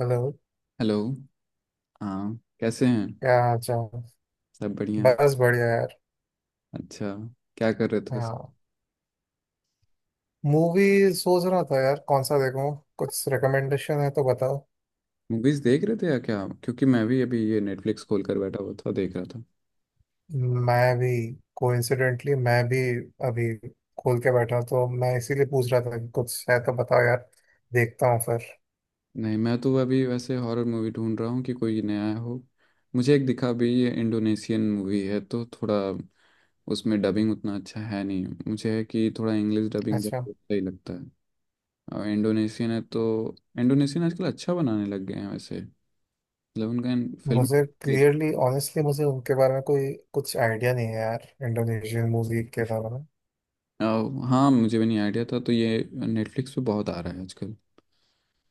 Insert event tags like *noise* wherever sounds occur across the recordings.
Hello. Hello. हाँ कैसे हैं। क्या हाल चाल? सब बढ़िया। बस बढ़िया यार। अच्छा, क्या कर रहे थे। हाँ। मूवी सोच रहा था यार, कौन सा देखूं। कुछ रिकमेंडेशन है तो बताओ। मूवीज देख रहे थे या क्या, क्योंकि मैं भी अभी ये नेटफ्लिक्स खोल कर बैठा हुआ था, देख रहा था। मैं भी। कोइंसिडेंटली मैं भी। अभी खोल के बैठा, तो मैं इसीलिए पूछ रहा था कि कुछ है तो बताओ यार। देखता हूँ फिर। नहीं, मैं तो अभी वैसे हॉरर मूवी ढूंढ रहा हूँ कि कोई नया हो। मुझे एक दिखा भी, ये इंडोनेशियन मूवी है तो थोड़ा, उसमें डबिंग उतना अच्छा है नहीं, मुझे है कि थोड़ा इंग्लिश डबिंग बस अच्छा। सही लगता है। और इंडोनेशियन है तो, इंडोनेशियन आजकल अच्छा बनाने लग गए हैं वैसे। मतलब उनका फिल्म। मुझे क्लियरली, ऑनेस्टली मुझे उनके बारे में कोई कुछ आइडिया नहीं है यार, इंडोनेशियन मूवी के बारे में। अ, हाँ, मुझे भी नहीं आइडिया था, तो ये नेटफ्लिक्स पे बहुत आ रहा है आजकल।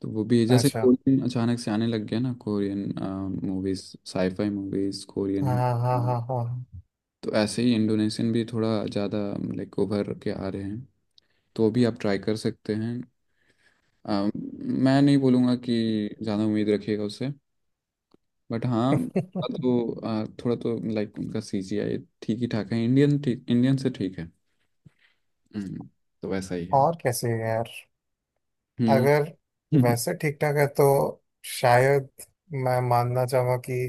तो वो भी है, जैसे अच्छा। कोरियन अचानक से आने लग गया ना, Korean movies, sci fi movies Korean हाँ, हो। हाँ, हाँ, हाँ। तो ऐसे ही इंडोनेशियन भी थोड़ा ज़्यादा लाइक उभर के आ रहे हैं। तो वो भी आप ट्राई कर सकते हैं। मैं नहीं बोलूँगा कि ज़्यादा उम्मीद रखिएगा उससे, बट हाँ। *laughs* तो थोड़ा तो लाइक उनका सीजीआई ठीक ही ठाक है। इंडियन ठीक, इंडियन से ठीक है। हम्म, तो वैसा ही है। और कैसे है यार? हम्म। अगर वैसे *laughs* ठीक ठाक है तो शायद मैं मानना चाहूंगा कि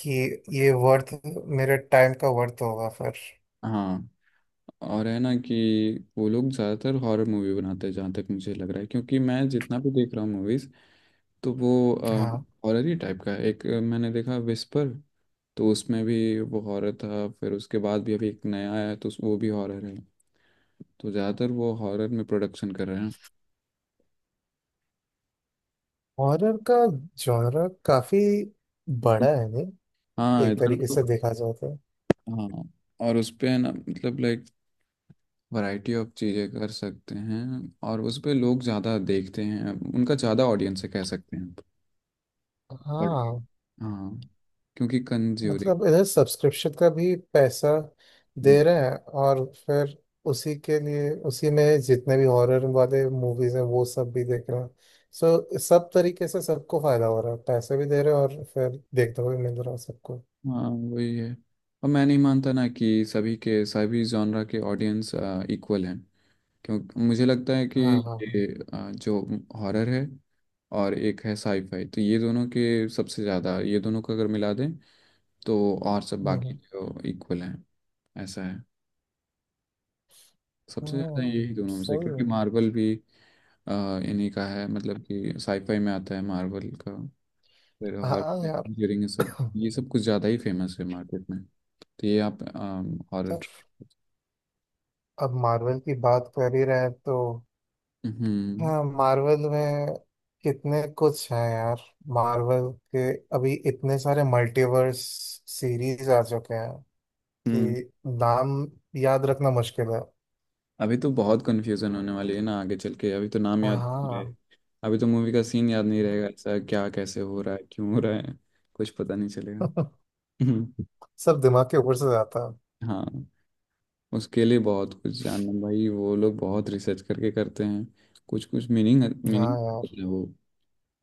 कि ये वर्थ मेरे टाइम का वर्थ होगा फिर। हाँ। और है ना कि वो लोग ज़्यादातर हॉरर मूवी बनाते हैं जहाँ तक मुझे लग रहा है, क्योंकि मैं जितना भी देख रहा हूँ मूवीज़, तो वो हाँ। हॉरर ही टाइप का है। एक मैंने देखा विस्पर, तो उसमें भी वो हॉरर था। फिर उसके बाद भी अभी एक नया आया है, तो वो भी हॉरर है। तो ज़्यादातर वो हॉरर में प्रोडक्शन कर रहे हैं। हॉरर का जॉनर काफी बड़ा है नहीं, हाँ एक इधर तरीके तो। से देखा जाए तो। हाँ। और उस पे है ना, मतलब लाइक वैरायटी ऑफ चीज़ें कर सकते हैं। और उस पे लोग ज़्यादा देखते हैं, उनका ज़्यादा ऑडियंस है कह सकते हैं। हाँ। हाँ, क्योंकि कंज्यूरिंग। मतलब इधर सब्सक्रिप्शन का भी पैसा दे रहे हैं, और फिर उसी के लिए, उसी में जितने भी हॉरर वाले मूवीज हैं वो सब भी देख रहे हैं। सो सब तरीके से सबको फायदा हो रहा है, पैसे भी दे रहे हैं और फिर देखते हुए मिल रहा है सबको। हाँ वही है। और मैं नहीं मानता ना कि सभी के सभी जॉनरा के ऑडियंस इक्वल हैं। क्यों मुझे लगता है कि हाँ, हाँ, ये हाँ। जो हॉरर है और एक है साईफाई, तो ये दोनों के सबसे ज़्यादा, ये दोनों को अगर मिला दें तो, और सब बाकी हम्म, जो इक्वल हैं ऐसा है। सबसे ज़्यादा यही दोनों में से, सही क्योंकि है। मार्वल भी अ, इन्हीं का है, मतलब कि साईफाई में आता है मार्वल का। फिर हाँ हॉरर यार। ड्यूरिंग ये सब, *laughs* ये सब कुछ ज़्यादा ही फेमस है मार्केट में। तो ये आप हॉरर। पर अब मार्वल की बात कर ही रहे हैं तो। हम्म। हाँ, मार्वल में कितने कुछ हैं यार, मार्वल के। अभी इतने सारे मल्टीवर्स सीरीज आ चुके हैं हम्म। कि नाम याद रखना मुश्किल है। अभी तो बहुत कंफ्यूजन होने वाली है ना आगे चल के, अभी तो नाम याद नहीं रहे। हाँ। अभी तो मूवी का सीन याद नहीं रहेगा, ऐसा क्या कैसे हो रहा है क्यों हो रहा है, कुछ पता नहीं चलेगा। *laughs* हम्म। सब दिमाग के ऊपर से जाता है। हाँ, उसके लिए बहुत कुछ जानना भाई, वो लोग बहुत रिसर्च करके करते हैं। कुछ कुछ मीनिंग हाँ मीनिंग यार। वो,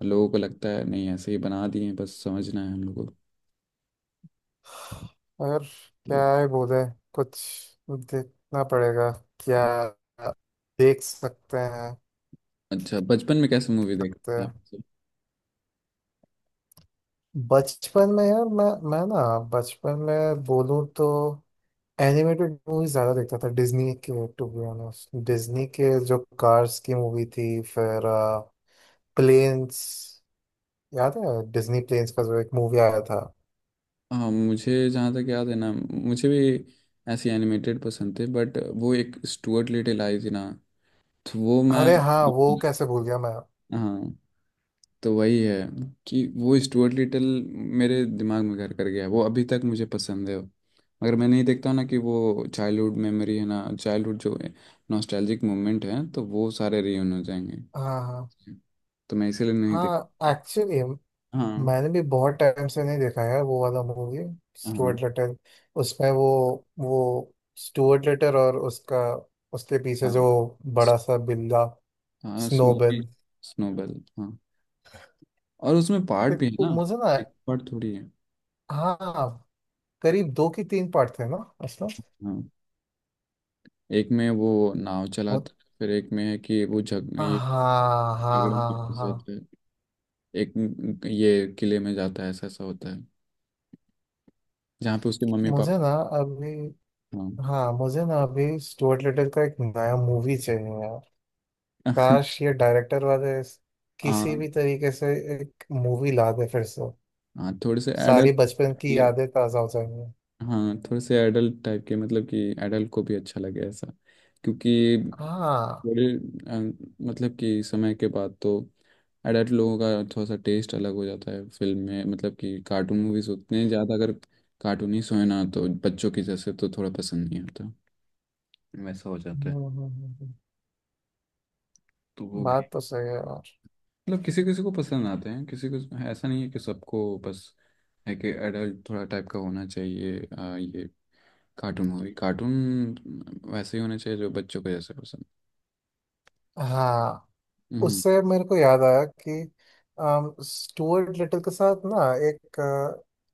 लोगों को लगता है नहीं ऐसे ही बना दिए हैं, बस समझना है हम लोगों और को। क्या है, बोले, कुछ देखना पड़ेगा, क्या देख सकते हैं। अच्छा, बचपन में कैसे मूवी देखते तो थे आप। बचपन में यार, मैं ना, बचपन में बोलूँ तो एनिमेटेड मूवीज ज्यादा देखता था डिज्नी के। टू बी ऑनेस्ट, डिज्नी के जो कार्स की मूवी थी, फिर प्लेन्स। याद है? डिज्नी प्लेन्स का जो एक मूवी आया था। हाँ, मुझे जहाँ तक याद है ना, मुझे भी ऐसी एनिमेटेड पसंद थे, बट वो एक स्टुअर्ट लिटिल आई थी ना, तो वो मैं। अरे हाँ, वो कैसे भूल गया मैं। हाँ, तो वही है कि वो स्टुअर्ट लिटिल मेरे दिमाग में घर कर गया है, वो अभी तक मुझे पसंद है। मगर मैं नहीं देखता हूँ ना कि वो चाइल्डहुड मेमोरी है ना, चाइल्डहुड जो नॉस्टैल्जिक मोमेंट है, तो वो सारे रियून हो जाएंगे। हाँ, हाँ, तो मैं इसीलिए नहीं देख। हाँ एक्चुअली हाँ। मैंने भी बहुत टाइम से नहीं देखा है वो वाला मूवी, हाँ। Stuart little. उसमें वो स्टुअर्ट लिटिल और उसका, उसके पीछे हाँ जो बड़ा सा बिल्ला, हाँ। स्नोबी। स्नोबेड। स्नोबेल। हाँ। और उसमें पार्ट भी है ना, मुझे ना। एक पार्ट थोड़ी है। हाँ, करीब 2 की 3 पार्ट थे ना, असलम। हाँ। एक में वो नाव चलाता बहुत। है, फिर एक में है कि वो झग हाँ, ये हाँ, झगड़े हाँ, में फंस हाँ। जाता है। ये किले में जाता है, ऐसा ऐसा होता है, जहाँ पे उसके मम्मी पापा। मुझे ना अभी। हाँ। हाँ, मुझे ना अभी स्टुअर्ट लिटिल का एक नया मूवी चाहिए यार। *laughs* काश ये डायरेक्टर वाले किसी हाँ। भी तरीके से एक मूवी ला दे फिर से। हाँ, थोड़े से सारी एडल्ट। बचपन की यादें ताजा हो जाएंगी। हाँ, थोड़े से एडल्ट टाइप के, मतलब कि एडल्ट को भी अच्छा लगे ऐसा। क्योंकि हाँ। बड़े अ, मतलब कि समय के बाद तो एडल्ट लोगों का थोड़ा सा टेस्ट अलग हो जाता है फिल्म में, मतलब कि कार्टून मूवीज उतने ज़्यादा अगर कार्टूनी सो है ना, तो बच्चों की जैसे तो थोड़ा पसंद नहीं आता, वैसा हो जाता हम्म, है। हम्म, हम्म, हम्म। तो वो भी, बात तो सही है यार। मतलब किसी किसी को पसंद आते हैं किसी को, ऐसा नहीं है कि सबको बस है कि एडल्ट थोड़ा टाइप का होना चाहिए। ये कार्टून मूवी, कार्टून वैसे ही होना चाहिए जो बच्चों को जैसे पसंद। हाँ। हम्म। उससे मेरे को याद आया कि स्टुअर्ट लिटिल के साथ ना एक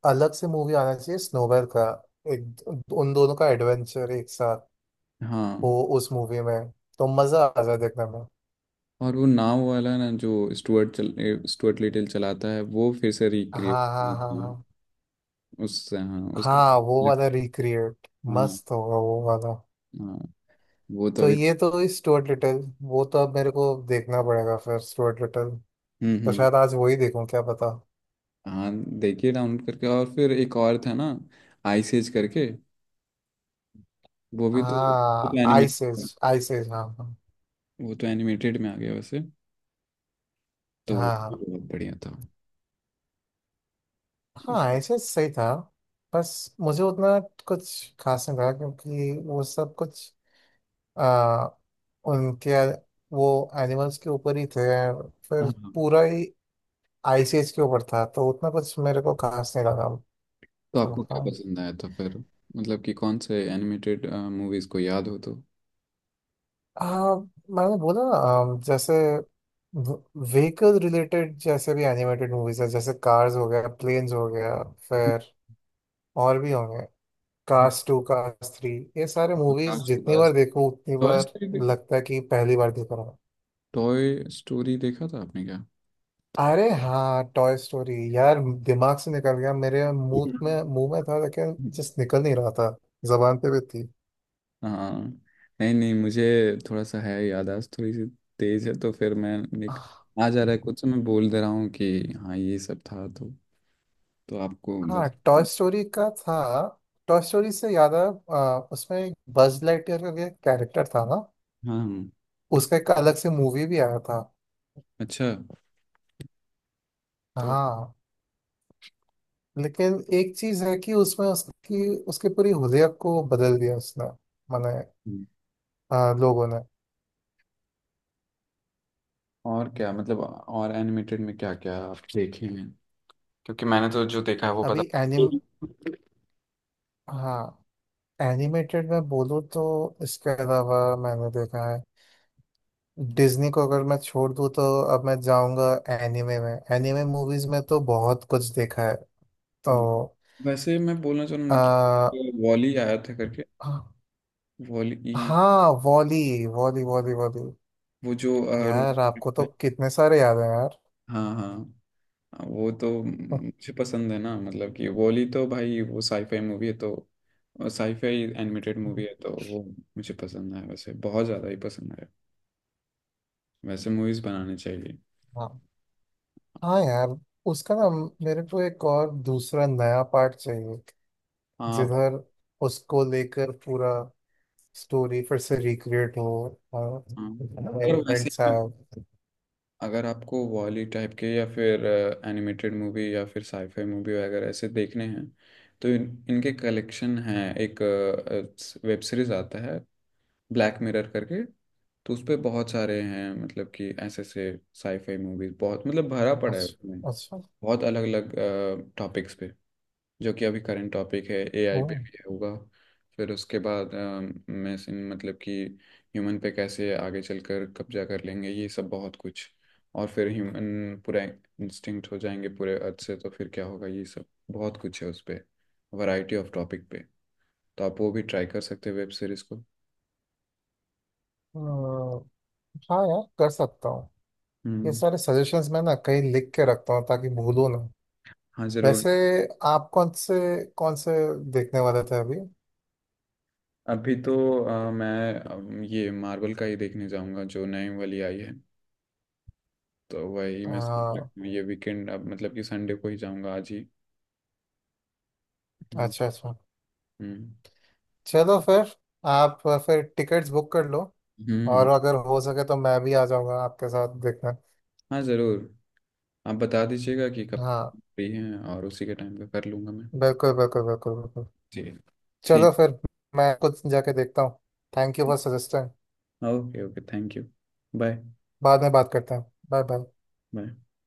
अलग से मूवी आना चाहिए, स्नोबेल का। एक, उन दोनों का एडवेंचर एक साथ हाँ। हो उस मूवी में, तो मजा आ जाए देखने में। और वो नाव वाला ना जो स्टुअर्ट स्टुअर्ट लिटिल चलाता है, वो फिर से रिक्रिएट हाँ, हाँ, हाँ, किए हाँ। उससे। हाँ उसका। हाँ, वो वाला रिक्रिएट हाँ। मस्त होगा वो वाला। हाँ वो तो तो अभी। ये तो इस स्टुअर्ट लिटिल, वो तो अब मेरे को देखना पड़ेगा फिर स्टुअर्ट लिटिल। हम्म। तो हम्म। शायद आज वही देखूं, क्या पता। हाँ, देखिए डाउनलोड करके। और फिर एक और था ना, आइस एज करके, वो भी तो, तो हाँ, एनिमेट आइसेज, आइसेज। हाँ, वो तो एनिमेटेड में आ गया वैसे, तो वो हाँ, भी हाँ बहुत बढ़िया था। हाँ ऐसे सही था। बस मुझे उतना कुछ खास नहीं लगा क्योंकि वो सब कुछ आ, उनके, वो, एनिमल्स के ऊपर ही थे, फिर हाँ हाँ। पूरा ही आईसीएच के ऊपर था तो उतना कुछ मेरे को खास नहीं लगा। तो तो आपको क्या हाँ। पसंद आया था फिर, मतलब कि कौन से एनिमेटेड मूवीज को याद हो तो। आ, मैंने बोला ना, जैसे व्हीकल रिलेटेड जैसे भी एनिमेटेड मूवीज है, जैसे कार्स हो गया, प्लेन्स हो गया, फिर और भी होंगे। हाँ। Cast 2, cast 3। ये सारे मूवीज आकाश टू जितनी बार पास, देखो उतनी टॉय बार स्टोरी, लगता है कि पहली बार देख रहा हूँ। टॉय स्टोरी देखा था आपने क्या। अरे हाँ, टॉय स्टोरी यार, दिमाग से निकल गया। मेरे *laughs* मुंह हम्म। में मुंह में था लेकिन जस्ट निकल नहीं रहा था। जबान पे भी थी। हाँ। नहीं नहीं, मुझे थोड़ा सा है, याददाश्त थोड़ी सी तेज है, तो फिर मैं निक, आ जा रहा है कुछ, मैं बोल दे रहा हूँ कि हाँ ये सब था, तो आपको हाँ, टॉय स्टोरी का था, टॉय स्टोरी से याद आया। उसमें एक बज लाइटयर का कैरेक्टर था ना। हाँ हाँ, उसका एक अलग से मूवी भी आया था। अच्छा। तो हाँ, लेकिन एक चीज है कि उसमें उसकी उसकी पूरी हुलिया को बदल दिया उसने, मैंने हम्म, लोगों ने। और क्या, मतलब और एनिमेटेड में क्या क्या आप देखे हैं, क्योंकि मैंने तो जो देखा है वो पता। अभी एनिम *laughs* हाँ, एनिमेटेड में बोलूँ तो इसके अलावा मैंने देखा है। डिज्नी को अगर मैं छोड़ दूँ तो अब मैं जाऊँगा एनिमे में, एनिमे मूवीज में तो बहुत कुछ देखा है। तो हाँ, वैसे मैं बोलना चाह रहा हूँ ना आ, कि वॉली आया था करके, वॉली, हाँ, वॉली वॉली वो जो यार, आपको तो कितने सारे याद हैं यार। हाँ हाँ हाँ, वो तो मुझे पसंद है ना, मतलब कि वॉली तो भाई, वो साईफाई मूवी है तो, साईफाई एनिमेटेड मूवी है, तो वो मुझे पसंद है, वैसे बहुत ज़्यादा ही पसंद है। वैसे मूवीज़ बनाने चाहिए। हाँ, हाँ यार, उसका ना, मेरे को एक और दूसरा नया पार्ट चाहिए, हाँ आप। जिधर उसको लेकर पूरा स्टोरी फिर से रिक्रिएट हो और हाँ, अगर वैसे एलिमेंट्स ही, आए। अगर आपको वॉली टाइप के या फिर एनिमेटेड मूवी या फिर साईफाई मूवी वगैरह ऐसे देखने हैं, तो इनके कलेक्शन हैं। एक वेब सीरीज आता है ब्लैक मिरर करके, तो उस पे बहुत सारे हैं, मतलब कि ऐसे ऐसे साईफाई मूवीज, बहुत मतलब भरा पड़ा है उसमें। अच्छा, अच्छा। बहुत अलग अलग टॉपिक्स पे, जो कि अभी करंट टॉपिक है एआई पे ओ, भी होगा। फिर उसके बाद मशीन, मतलब कि ह्यूमन पे कैसे आगे चलकर कब्जा कर लेंगे ये सब, बहुत कुछ। और फिर ह्यूमन पूरा इंस्टिंक्ट हो जाएंगे पूरे अर्थ से, तो फिर क्या होगा ये सब, बहुत कुछ है उस पे। वैरायटी ऑफ टॉपिक पे, तो आप वो भी ट्राई कर सकते हैं वेब सीरीज को। अ, हाँ यार कर सकता हूँ। ये हम्म। सारे सजेशंस मैं ना कहीं लिख के रखता हूँ ताकि भूलो ना। हाँ ज़रूर। वैसे आप कौन से देखने वाले थे अभी? अभी तो मैं ये मार्वल का ही देखने जाऊंगा जो नई वाली आई है। तो वही मैं सोच रहा अ, हूँ, ये वीकेंड, अब मतलब कि संडे को ही जाऊंगा, आज ही। हम्म। अच्छा, अच्छा। हम्म। चलो फिर, आप फिर टिकट्स बुक कर लो, हम्म। और अगर हो सके तो मैं भी आ जाऊँगा आपके साथ देखने। हाँ ज़रूर। आप बता दीजिएगा कि कब हाँ, फ्री हैं, और उसी के टाइम पे कर लूँगा मैं। बिल्कुल, बिल्कुल, बिल्कुल, बिल्कुल। जी। चलो ठीक। फिर, मैं कुछ जाके देखता हूँ। Thank you for suggesting. Okay okay, thank you. Bye. बाद में बात करते हैं। Bye, bye. बाय।